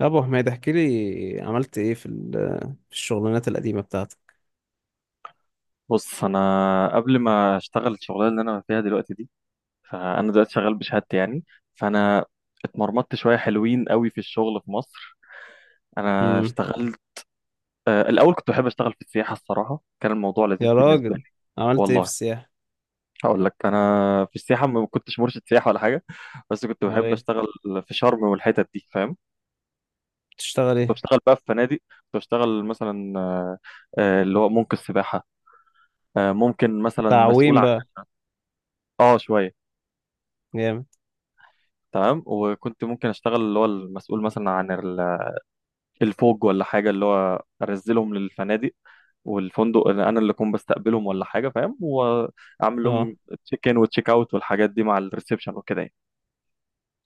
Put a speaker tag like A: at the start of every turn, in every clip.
A: يا ابو حميد، احكي لي عملت ايه في الشغلانات القديمه بتاعتك؟
B: بص، انا قبل ما اشتغل الشغلانه اللي انا فيها دلوقتي دي، فانا دلوقتي شغال بشهادتي يعني. فانا اتمرمطت شويه حلوين قوي في الشغل في مصر. انا
A: امم.
B: اشتغلت الاول كنت بحب اشتغل في السياحه، الصراحه كان الموضوع لذيذ
A: يا
B: بالنسبه
A: راجل،
B: لي.
A: عملت ايه في
B: والله
A: السياحه؟
B: هقول لك، انا في السياحه ما كنتش مرشد سياحه ولا حاجه، بس كنت
A: امال
B: بحب
A: ايه؟
B: اشتغل في شرم والحتت دي، فاهم.
A: بتشتغل
B: كنت
A: ايه؟
B: بشتغل بقى في فنادق، كنت بشتغل مثلا اللي هو ممكن السباحه، ممكن مثلا مسؤول
A: تعويم
B: عن.
A: بقى.
B: اه شويه.
A: جامد.
B: تمام، وكنت ممكن اشتغل اللي هو المسؤول مثلا عن الفوج ولا حاجه، اللي هو انزلهم للفنادق والفندق، اللي انا اللي اكون بستقبلهم ولا حاجه، فاهم، واعمل
A: اه،
B: لهم تشيك ان وتشيك اوت والحاجات دي مع الريسبشن وكده يعني.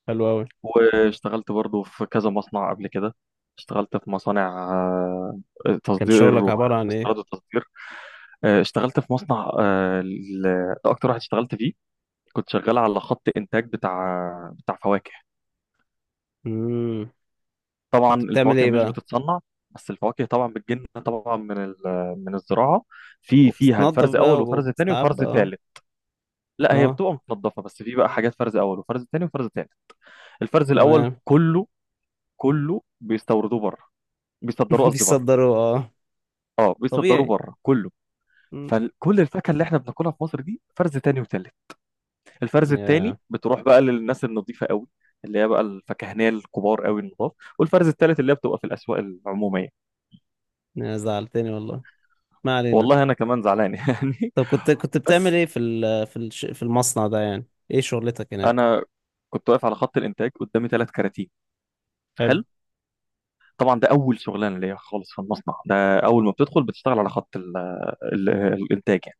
A: حلو قوي.
B: واشتغلت برضو في كذا مصنع قبل كده. اشتغلت في مصانع
A: كان
B: تصدير
A: شغلك عباره عن ايه؟
B: واستيراد وتصدير. اشتغلت في مصنع ده اكتر واحد اشتغلت فيه. كنت شغال على خط انتاج بتاع بتاع فواكه.
A: امم.
B: طبعا
A: كنت بتعمل
B: الفواكه
A: ايه
B: مش
A: بقى؟
B: بتتصنع، بس الفواكه طبعا بتجن طبعا من من الزراعه. في فيها
A: وبتتنضف
B: الفرز اول
A: بقى
B: وفرز تاني وفرز
A: وبتتعب، اه.
B: تالت. لا، هي
A: اه،
B: بتبقى متنضفه، بس في بقى حاجات فرز اول وفرز تاني وفرز تالت. الفرز الاول
A: تمام.
B: كله بيستوردوه بره، بيصدروه قصدي بره.
A: بيصدروا، اه.
B: اه، بيصدروه
A: طبيعي.
B: بره كله.
A: مم.
B: فكل الفاكهه اللي احنا بناكلها في مصر دي فرز تاني وتالت. الفرز التاني
A: يا،
B: بتروح بقى للناس النظيفه قوي، اللي هي بقى الفكهنيه الكبار قوي النضاف. والفرز التالت اللي هي بتبقى في الاسواق العموميه.
A: يا زعلتني والله. ما علينا.
B: والله انا كمان زعلان يعني.
A: طب، كنت بتعمل
B: بس
A: ايه في ال... في الش... في المصنع ده يعني؟ ايه شغلتك هناك؟
B: انا كنت واقف على خط الانتاج، قدامي ثلاث كراتين.
A: حلو.
B: حلو. طبعا ده اول شغلانه ليا خالص في المصنع ده. اول ما بتدخل بتشتغل على خط ال الانتاج يعني.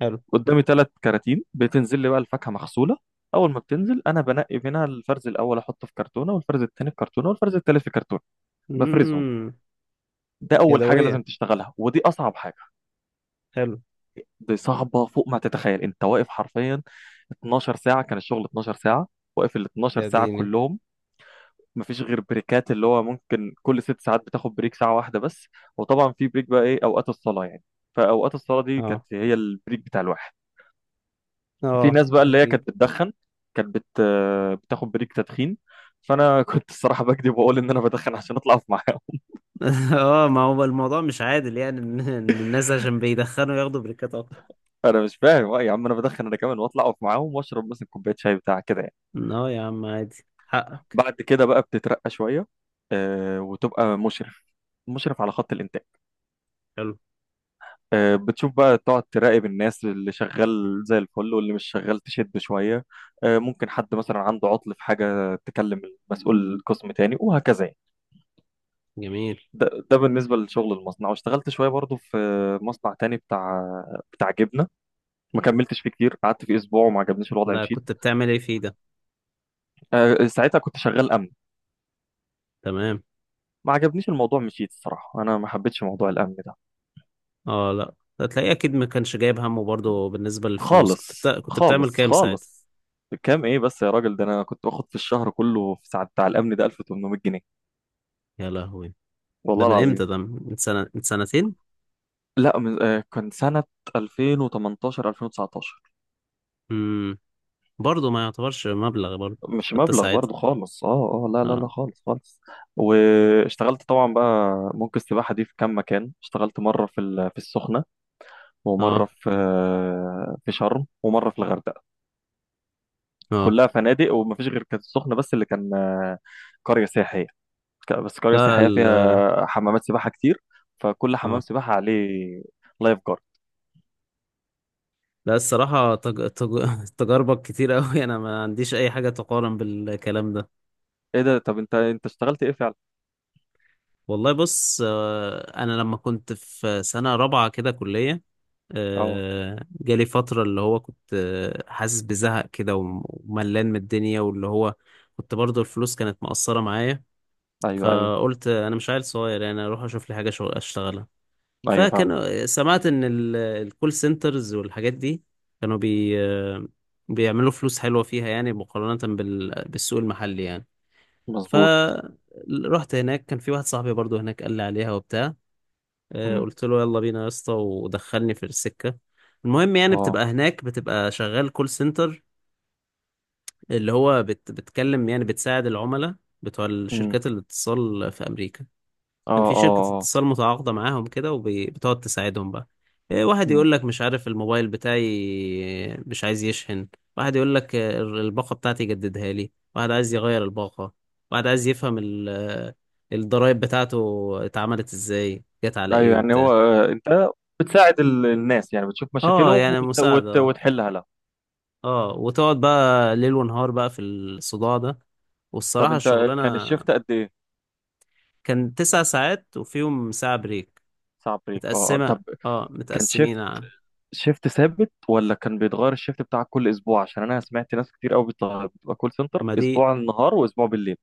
A: حلو.
B: قدامي ثلاث كراتين بتنزل لي بقى الفاكهه مغسوله. اول ما بتنزل انا بنقي منها الفرز الاول احطه في كرتونه، والفرز الثاني في كرتونه، والفرز الثالث في كرتونه. بفرزهم.
A: امم.
B: ده اول حاجه لازم
A: يدوية.
B: تشتغلها، ودي اصعب حاجه.
A: حلو.
B: دي صعبه فوق ما تتخيل. انت واقف حرفيا 12 ساعه، كان الشغل 12 ساعه. واقف ال 12
A: يا
B: ساعه
A: ديني.
B: كلهم. مفيش غير بريكات، اللي هو ممكن كل ست ساعات بتاخد بريك ساعة واحدة بس. وطبعا في بريك بقى ايه؟ اوقات الصلاة يعني. فاوقات الصلاة دي كانت
A: اه،
B: هي البريك بتاع الواحد. في
A: اه،
B: ناس بقى اللي هي
A: اكيد.
B: كانت بتدخن، كانت بتاخد بريك تدخين. فانا كنت الصراحة بكذب واقول ان انا بدخن عشان اطلع اقف معاهم.
A: اه، ما هو الموضوع مش عادل، يعني إن الناس عشان بيدخنوا ياخدوا بريكات اكتر.
B: انا مش فاهم، آه يا عم انا بدخن انا كمان، واطلع اقف معاهم واشرب مثلا كوباية شاي بتاع كده يعني.
A: اه، يا عم عادي حقك.
B: بعد كده بقى بتترقى شوية، وتبقى مشرف، مشرف على خط الانتاج.
A: حلو.
B: بتشوف بقى، تقعد تراقب الناس، اللي شغال زي الفل واللي مش شغال تشد شوية. ممكن حد مثلا عنده عطل في حاجة تكلم مسؤول القسم تاني وهكذا يعني.
A: جميل.
B: ده بالنسبة لشغل المصنع. واشتغلت شوية برضو في مصنع تاني بتاع بتاع جبنة. ما كملتش فيه كتير، قعدت فيه أسبوع وما عجبنيش الوضع
A: لا،
B: مشيت.
A: كنت بتعمل ايه فيه ده؟
B: ساعتها كنت شغال أمن.
A: تمام.
B: ما عجبنيش الموضوع مشيت، الصراحة أنا ما حبيتش موضوع الأمن ده
A: اه، لا. هتلاقيه اكيد ما كانش جايب همه، برضه بالنسبة للفلوس،
B: خالص
A: كنت بتعمل
B: خالص
A: كام ساعتها؟
B: خالص. كام ايه بس يا راجل؟ ده انا كنت باخد في الشهر كله في ساعة بتاع الامن ده 1800 جنيه.
A: يا لهوي. ده
B: والله
A: من
B: العظيم.
A: امتى؟ ده من سنة، من سنتين؟
B: لا، من كان سنة 2018 2019.
A: امم. برضه ما يعتبرش مبلغ برضه،
B: مش
A: حتى
B: مبلغ
A: ساعتها.
B: برضو خالص، اه اه. لا لا
A: اه،
B: لا، خالص خالص. واشتغلت طبعا بقى ممكن السباحة دي في كام مكان. اشتغلت مرة في في السخنة،
A: اه،
B: ومرة في في شرم، ومرة في الغردقة.
A: اه.
B: كلها فنادق، ومفيش غير كانت السخنة بس اللي كان قرية سياحية. بس قرية
A: لا،
B: سياحية فيها حمامات سباحة كتير. فكل حمام
A: اه،
B: سباحة عليه لايف جارد.
A: لا، الصراحة تجاربك كتير أوي، أنا ما عنديش أي حاجة تقارن بالكلام ده.
B: ايه ده؟ طب انت اشتغلت ايه فعلا؟
A: والله بص، أنا لما كنت في سنة رابعة كده كلية،
B: اه.
A: جالي فترة اللي هو كنت حاسس بزهق كده وملان من الدنيا، واللي هو كنت برضو الفلوس كانت مقصرة معايا.
B: ايوه ايوه
A: فقلت أنا مش عيل صغير، يعني أروح أشوف لي حاجة شغل أشتغلها.
B: ايوه فاهم.
A: فكانوا سمعت ان الكول سنترز والحاجات دي كانوا بيعملوا فلوس حلوة فيها يعني، مقارنة بالسوق المحلي يعني.
B: مظبوط.
A: فرحت هناك، كان في واحد صاحبي برضو هناك قال لي عليها وبتاع،
B: مم.
A: قلت له يلا بينا يا اسطى، ودخلني في السكة. المهم يعني
B: اه.
A: بتبقى هناك، بتبقى شغال كول سنتر، اللي هو بتكلم يعني بتساعد العملاء بتوع
B: مم.
A: الشركات الاتصال في أمريكا.
B: اه
A: كان في
B: اه
A: شركة
B: اه.
A: اتصال متعاقدة معاهم كده، وبتقعد تساعدهم بقى. إيه، واحد
B: مم.
A: يقول لك مش عارف الموبايل بتاعي مش عايز يشحن. واحد يقول لك، الباقة بتاعتي جددها لي. واحد عايز يغير الباقة. واحد عايز يفهم الضرايب بتاعته اتعملت ازاي، جت على ايه
B: ايوه يعني هو،
A: وبتاع.
B: انت بتساعد الناس يعني، بتشوف
A: اه،
B: مشاكلهم
A: يعني مساعدة، اه.
B: وتحلها لها.
A: وتقعد بقى ليل ونهار بقى في الصداع ده.
B: طب
A: والصراحة
B: انت، كان
A: الشغلانة.
B: الشيفت قد ايه؟
A: كان 9 ساعات وفيهم ساعة بريك
B: صعب بريك، اه، آه.
A: متقسمة.
B: طب
A: اه،
B: كان
A: متقسمين
B: شيفت،
A: ع-
B: شيفت ثابت ولا كان بيتغير الشيفت بتاعك كل اسبوع؟ عشان انا سمعت ناس كتير قوي بتبقى كول سنتر
A: ما دي
B: اسبوع النهار واسبوع بالليل.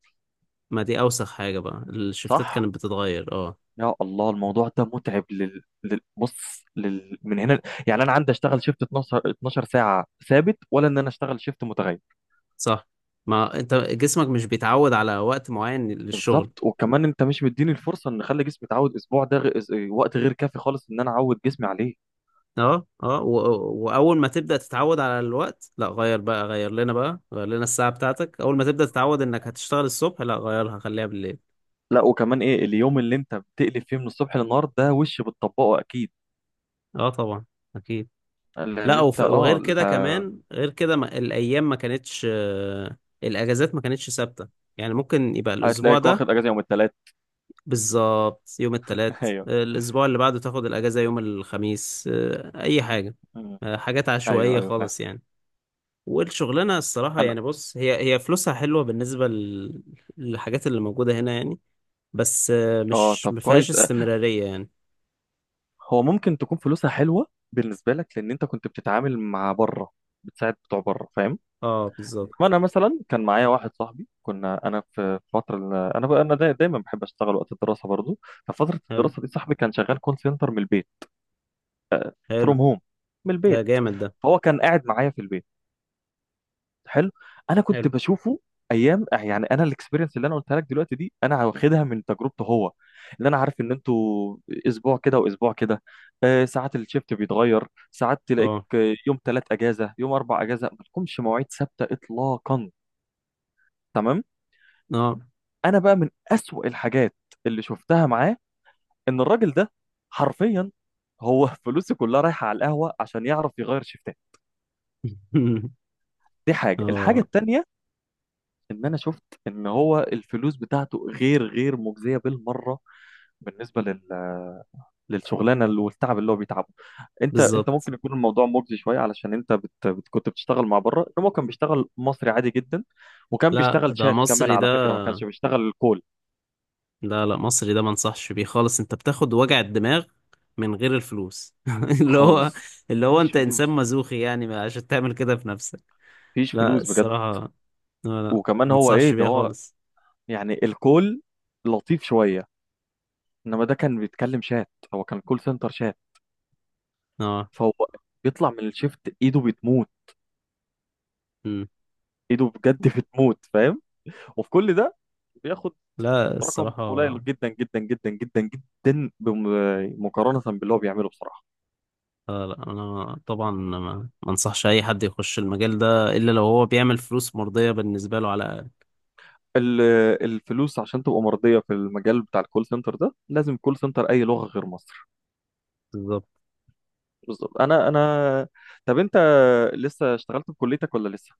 A: ما دي اوسخ حاجة بقى، الشفتات
B: صح.
A: كانت بتتغير، اه.
B: يا الله الموضوع ده متعب بص من هنا. يعني انا عندي اشتغل شيفت 12 12 ساعة ثابت، ولا ان انا اشتغل شيفت متغير.
A: صح. ما انت جسمك مش بيتعود على وقت معين للشغل.
B: بالظبط. وكمان انت مش مديني الفرصه ان اخلي جسمي يتعود. اسبوع ده وقت غير كافي خالص ان انا اعود جسمي عليه.
A: اه، اه. واول ما تبدأ تتعود على الوقت، لا غير بقى غير لنا الساعة بتاعتك، اول ما تبدأ تتعود انك هتشتغل الصبح لا غيرها خليها بالليل.
B: لا وكمان ايه؟ اليوم اللي انت بتقلب فيه من الصبح للنهار ده وش بتطبقه اكيد.
A: اه، طبعا، اكيد.
B: لان
A: لا،
B: انت
A: وغير
B: اه
A: كده كمان غير كده، ما... الايام ما كانتش آه، الاجازات ما كانتش ثابتة. يعني ممكن يبقى الاسبوع
B: هتلاقيك
A: ده.
B: واخد اجازه يوم الثلاث.
A: بالظبط، يوم التلات
B: ايوه.
A: الأسبوع اللي بعده تاخد الأجازة يوم الخميس، أي حاجة.
B: مم.
A: حاجات
B: ايوه
A: عشوائية
B: ايوه فاهم.
A: خالص يعني. والشغلانة الصراحة
B: انا
A: يعني بص، هي فلوسها حلوة بالنسبة للحاجات اللي موجودة هنا يعني، بس
B: اه،
A: مش
B: طب
A: مفيهاش
B: كويس، اه،
A: استمرارية يعني.
B: هو ممكن تكون فلوسها حلوه بالنسبه لك لان انت كنت بتتعامل مع بره، بتساعد بتوع بره، فاهم.
A: اه،
B: ما
A: بالظبط.
B: انا مثلا كان معايا واحد صاحبي. كنا انا في فتره انا بقى انا دايما بحب اشتغل وقت الدراسه برضو. ففتره
A: حلو.
B: الدراسه دي صاحبي كان شغال كول سنتر من البيت.
A: حلو.
B: فروم هوم، من
A: ده
B: البيت.
A: جامد ده.
B: فهو كان قاعد معايا في البيت. حلو. انا كنت
A: حلو.
B: بشوفه ايام يعني. انا الاكسبيرينس اللي انا قلتها لك دلوقتي دي انا واخدها من تجربته هو. اللي انا عارف ان انتوا اسبوع كده واسبوع كده، ساعات الشيفت بيتغير، ساعات تلاقيك
A: اه،
B: يوم ثلاث اجازه يوم اربع اجازه، ما لكمش مواعيد ثابته اطلاقا. تمام.
A: اه.
B: انا بقى من اسوأ الحاجات اللي شفتها معاه ان الراجل ده حرفيا هو فلوسه كلها رايحه على القهوه عشان يعرف يغير شيفتات. دي حاجه.
A: اه،
B: الحاجه التانيه ان انا شفت ان هو الفلوس بتاعته غير مجزيه بالمره بالنسبه للشغلانه والتعب اللي هو بيتعبه. انت
A: بالظبط.
B: ممكن يكون الموضوع مجزي شويه علشان انت كنت بتشتغل مع بره، انما هو كان بيشتغل مصري عادي جدا. وكان
A: لا،
B: بيشتغل
A: ده
B: شات كمان
A: مصري
B: على
A: ده.
B: فكره، ما كانش بيشتغل الكول.
A: لا، لا، مصري ده، ما انصحش بيه خالص، انت بتاخد وجع الدماغ من غير الفلوس. اللي هو
B: خالص.
A: اللي هو
B: مفيش
A: انت انسان
B: فلوس،
A: مزوخي يعني، عشان تعمل كده في نفسك.
B: مفيش
A: لا،
B: فلوس بجد.
A: الصراحة. لا، لا،
B: وكمان
A: ما
B: هو ايه
A: انصحش
B: ده؟
A: بيها
B: هو
A: خالص.
B: يعني الكول لطيف شويه، انما ده كان بيتكلم شات، هو كان كول سنتر شات.
A: اه.
B: فهو بيطلع من الشيفت ايده بتموت،
A: مم.
B: ايده بجد بتموت، فاهم. وفي كل ده بياخد
A: لا،
B: رقم قليل
A: الصراحة.
B: جدا جدا جدا جدا جدا مقارنه باللي هو بيعمله بصراحه.
A: لا، لا، انا طبعا ما انصحش اي حد يخش المجال ده، الا لو هو بيعمل فلوس مرضية بالنسبة له على الاقل.
B: ال- الفلوس عشان تبقى مرضيه في المجال بتاع الكول سنتر ده لازم كول سنتر اي لغه غير مصر.
A: بالظبط.
B: بالظبط. انا طب انت لسه اشتغلت في كليتك ولا لسه؟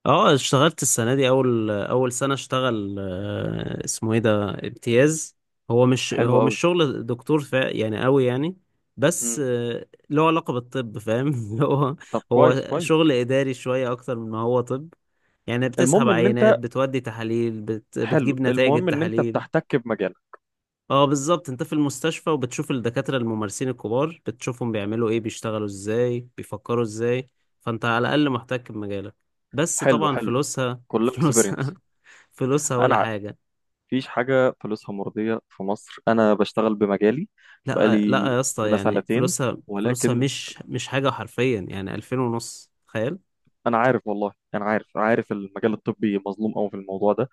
A: اه، اشتغلت السنة دي، أول أول سنة اشتغل، اسمه ايه ده امتياز. هو مش
B: حلو
A: هو مش
B: قوي.
A: شغل دكتور فا يعني قوي يعني. بس
B: امم.
A: له علاقة بالطب، فاهم؟ هو
B: طب
A: هو
B: كويس كويس.
A: شغل إداري شوية أكتر من ما هو طب. يعني بتسحب
B: المهم ان
A: عينات،
B: انت،
A: بتودي تحاليل،
B: حلو،
A: بتجيب نتائج
B: المهم ان انت
A: التحاليل.
B: بتحتك بمجالك.
A: اه، بالظبط، انت في المستشفى، وبتشوف الدكاترة الممارسين الكبار، بتشوفهم بيعملوا ايه، بيشتغلوا ازاي، بيفكروا ازاي. فانت على الاقل محتك بمجالك. بس
B: حلو
A: طبعا
B: حلو.
A: فلوسها،
B: كلها
A: فلوسها،
B: اكسبيرينس.
A: فلوسها
B: انا
A: ولا
B: عارف.
A: حاجة.
B: مفيش حاجه فلوسها مرضيه في مصر، انا بشتغل بمجالي
A: لا، لا،
B: بقالي
A: يا اسطى
B: سنه
A: يعني
B: سنتين،
A: فلوسها
B: ولكن
A: مش حاجة، حرفيا يعني 2500، تخيل.
B: انا عارف، والله انا عارف، عارف المجال الطبي مظلوم قوي في الموضوع ده.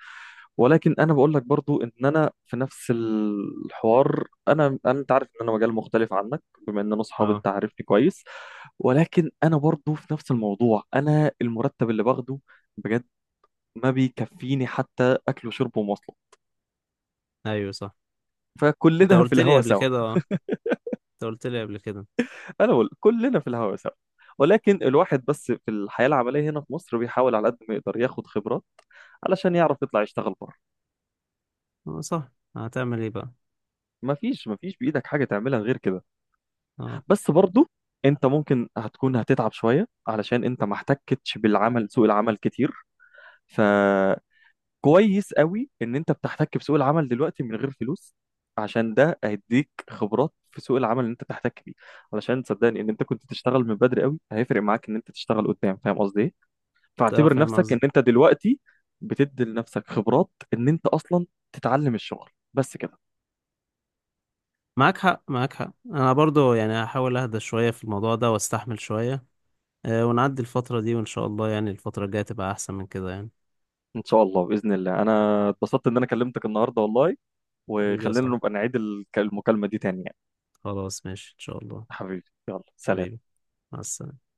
B: ولكن انا بقول لك برضو ان انا في نفس الحوار. انا انت عارف ان انا مجال مختلف عنك، بما ان انا صحابي
A: اه،
B: انت عارفني كويس. ولكن انا برضو في نفس الموضوع، انا المرتب اللي باخده بجد ما بيكفيني حتى اكل وشرب ومواصلات.
A: ايوه، صح. انت
B: فكلنا في
A: قلت لي
B: الهوا
A: قبل
B: سوا.
A: كده، اه. انت قلت لي قبل كده.
B: انا بقول كلنا في الهوا سوا، ولكن الواحد بس في الحياة العملية هنا في مصر بيحاول على قد ما يقدر ياخد خبرات علشان يعرف يطلع يشتغل بره.
A: اه، صح. هتعمل ايه بقى؟
B: ما فيش بإيدك حاجة تعملها غير كده.
A: اه.
B: بس برضو انت ممكن هتكون هتتعب شوية علشان انت ما احتكتش بالعمل سوق العمل كتير. ف كويس قوي ان انت بتحتك بسوق العمل دلوقتي من غير فلوس، عشان ده هيديك خبرات في سوق العمل اللي انت بتحتك بيه. علشان صدقني، ان انت كنت تشتغل من بدري قوي هيفرق معاك ان انت تشتغل قدام، فاهم قصدي ايه.
A: أه،
B: فاعتبر
A: فاهم
B: نفسك ان
A: قصدي.
B: انت دلوقتي بتدي لنفسك خبرات، ان انت اصلا تتعلم الشغل بس كده.
A: معاك حق، معاك حق، انا برضو يعني هحاول اهدى شوية في الموضوع ده واستحمل شوية. ونعدي الفترة دي، وإن شاء الله يعني الفترة الجاية تبقى أحسن من كده يعني.
B: ان شاء الله، باذن الله انا اتبسطت ان انا كلمتك النهارده والله.
A: حبيبي يا
B: وخلينا
A: صاحبي.
B: نبقى نعيد المكالمه دي تاني يعني.
A: خلاص، ماشي إن شاء الله.
B: حبيبي، يلا سلام.
A: حبيبي. مع السلامة.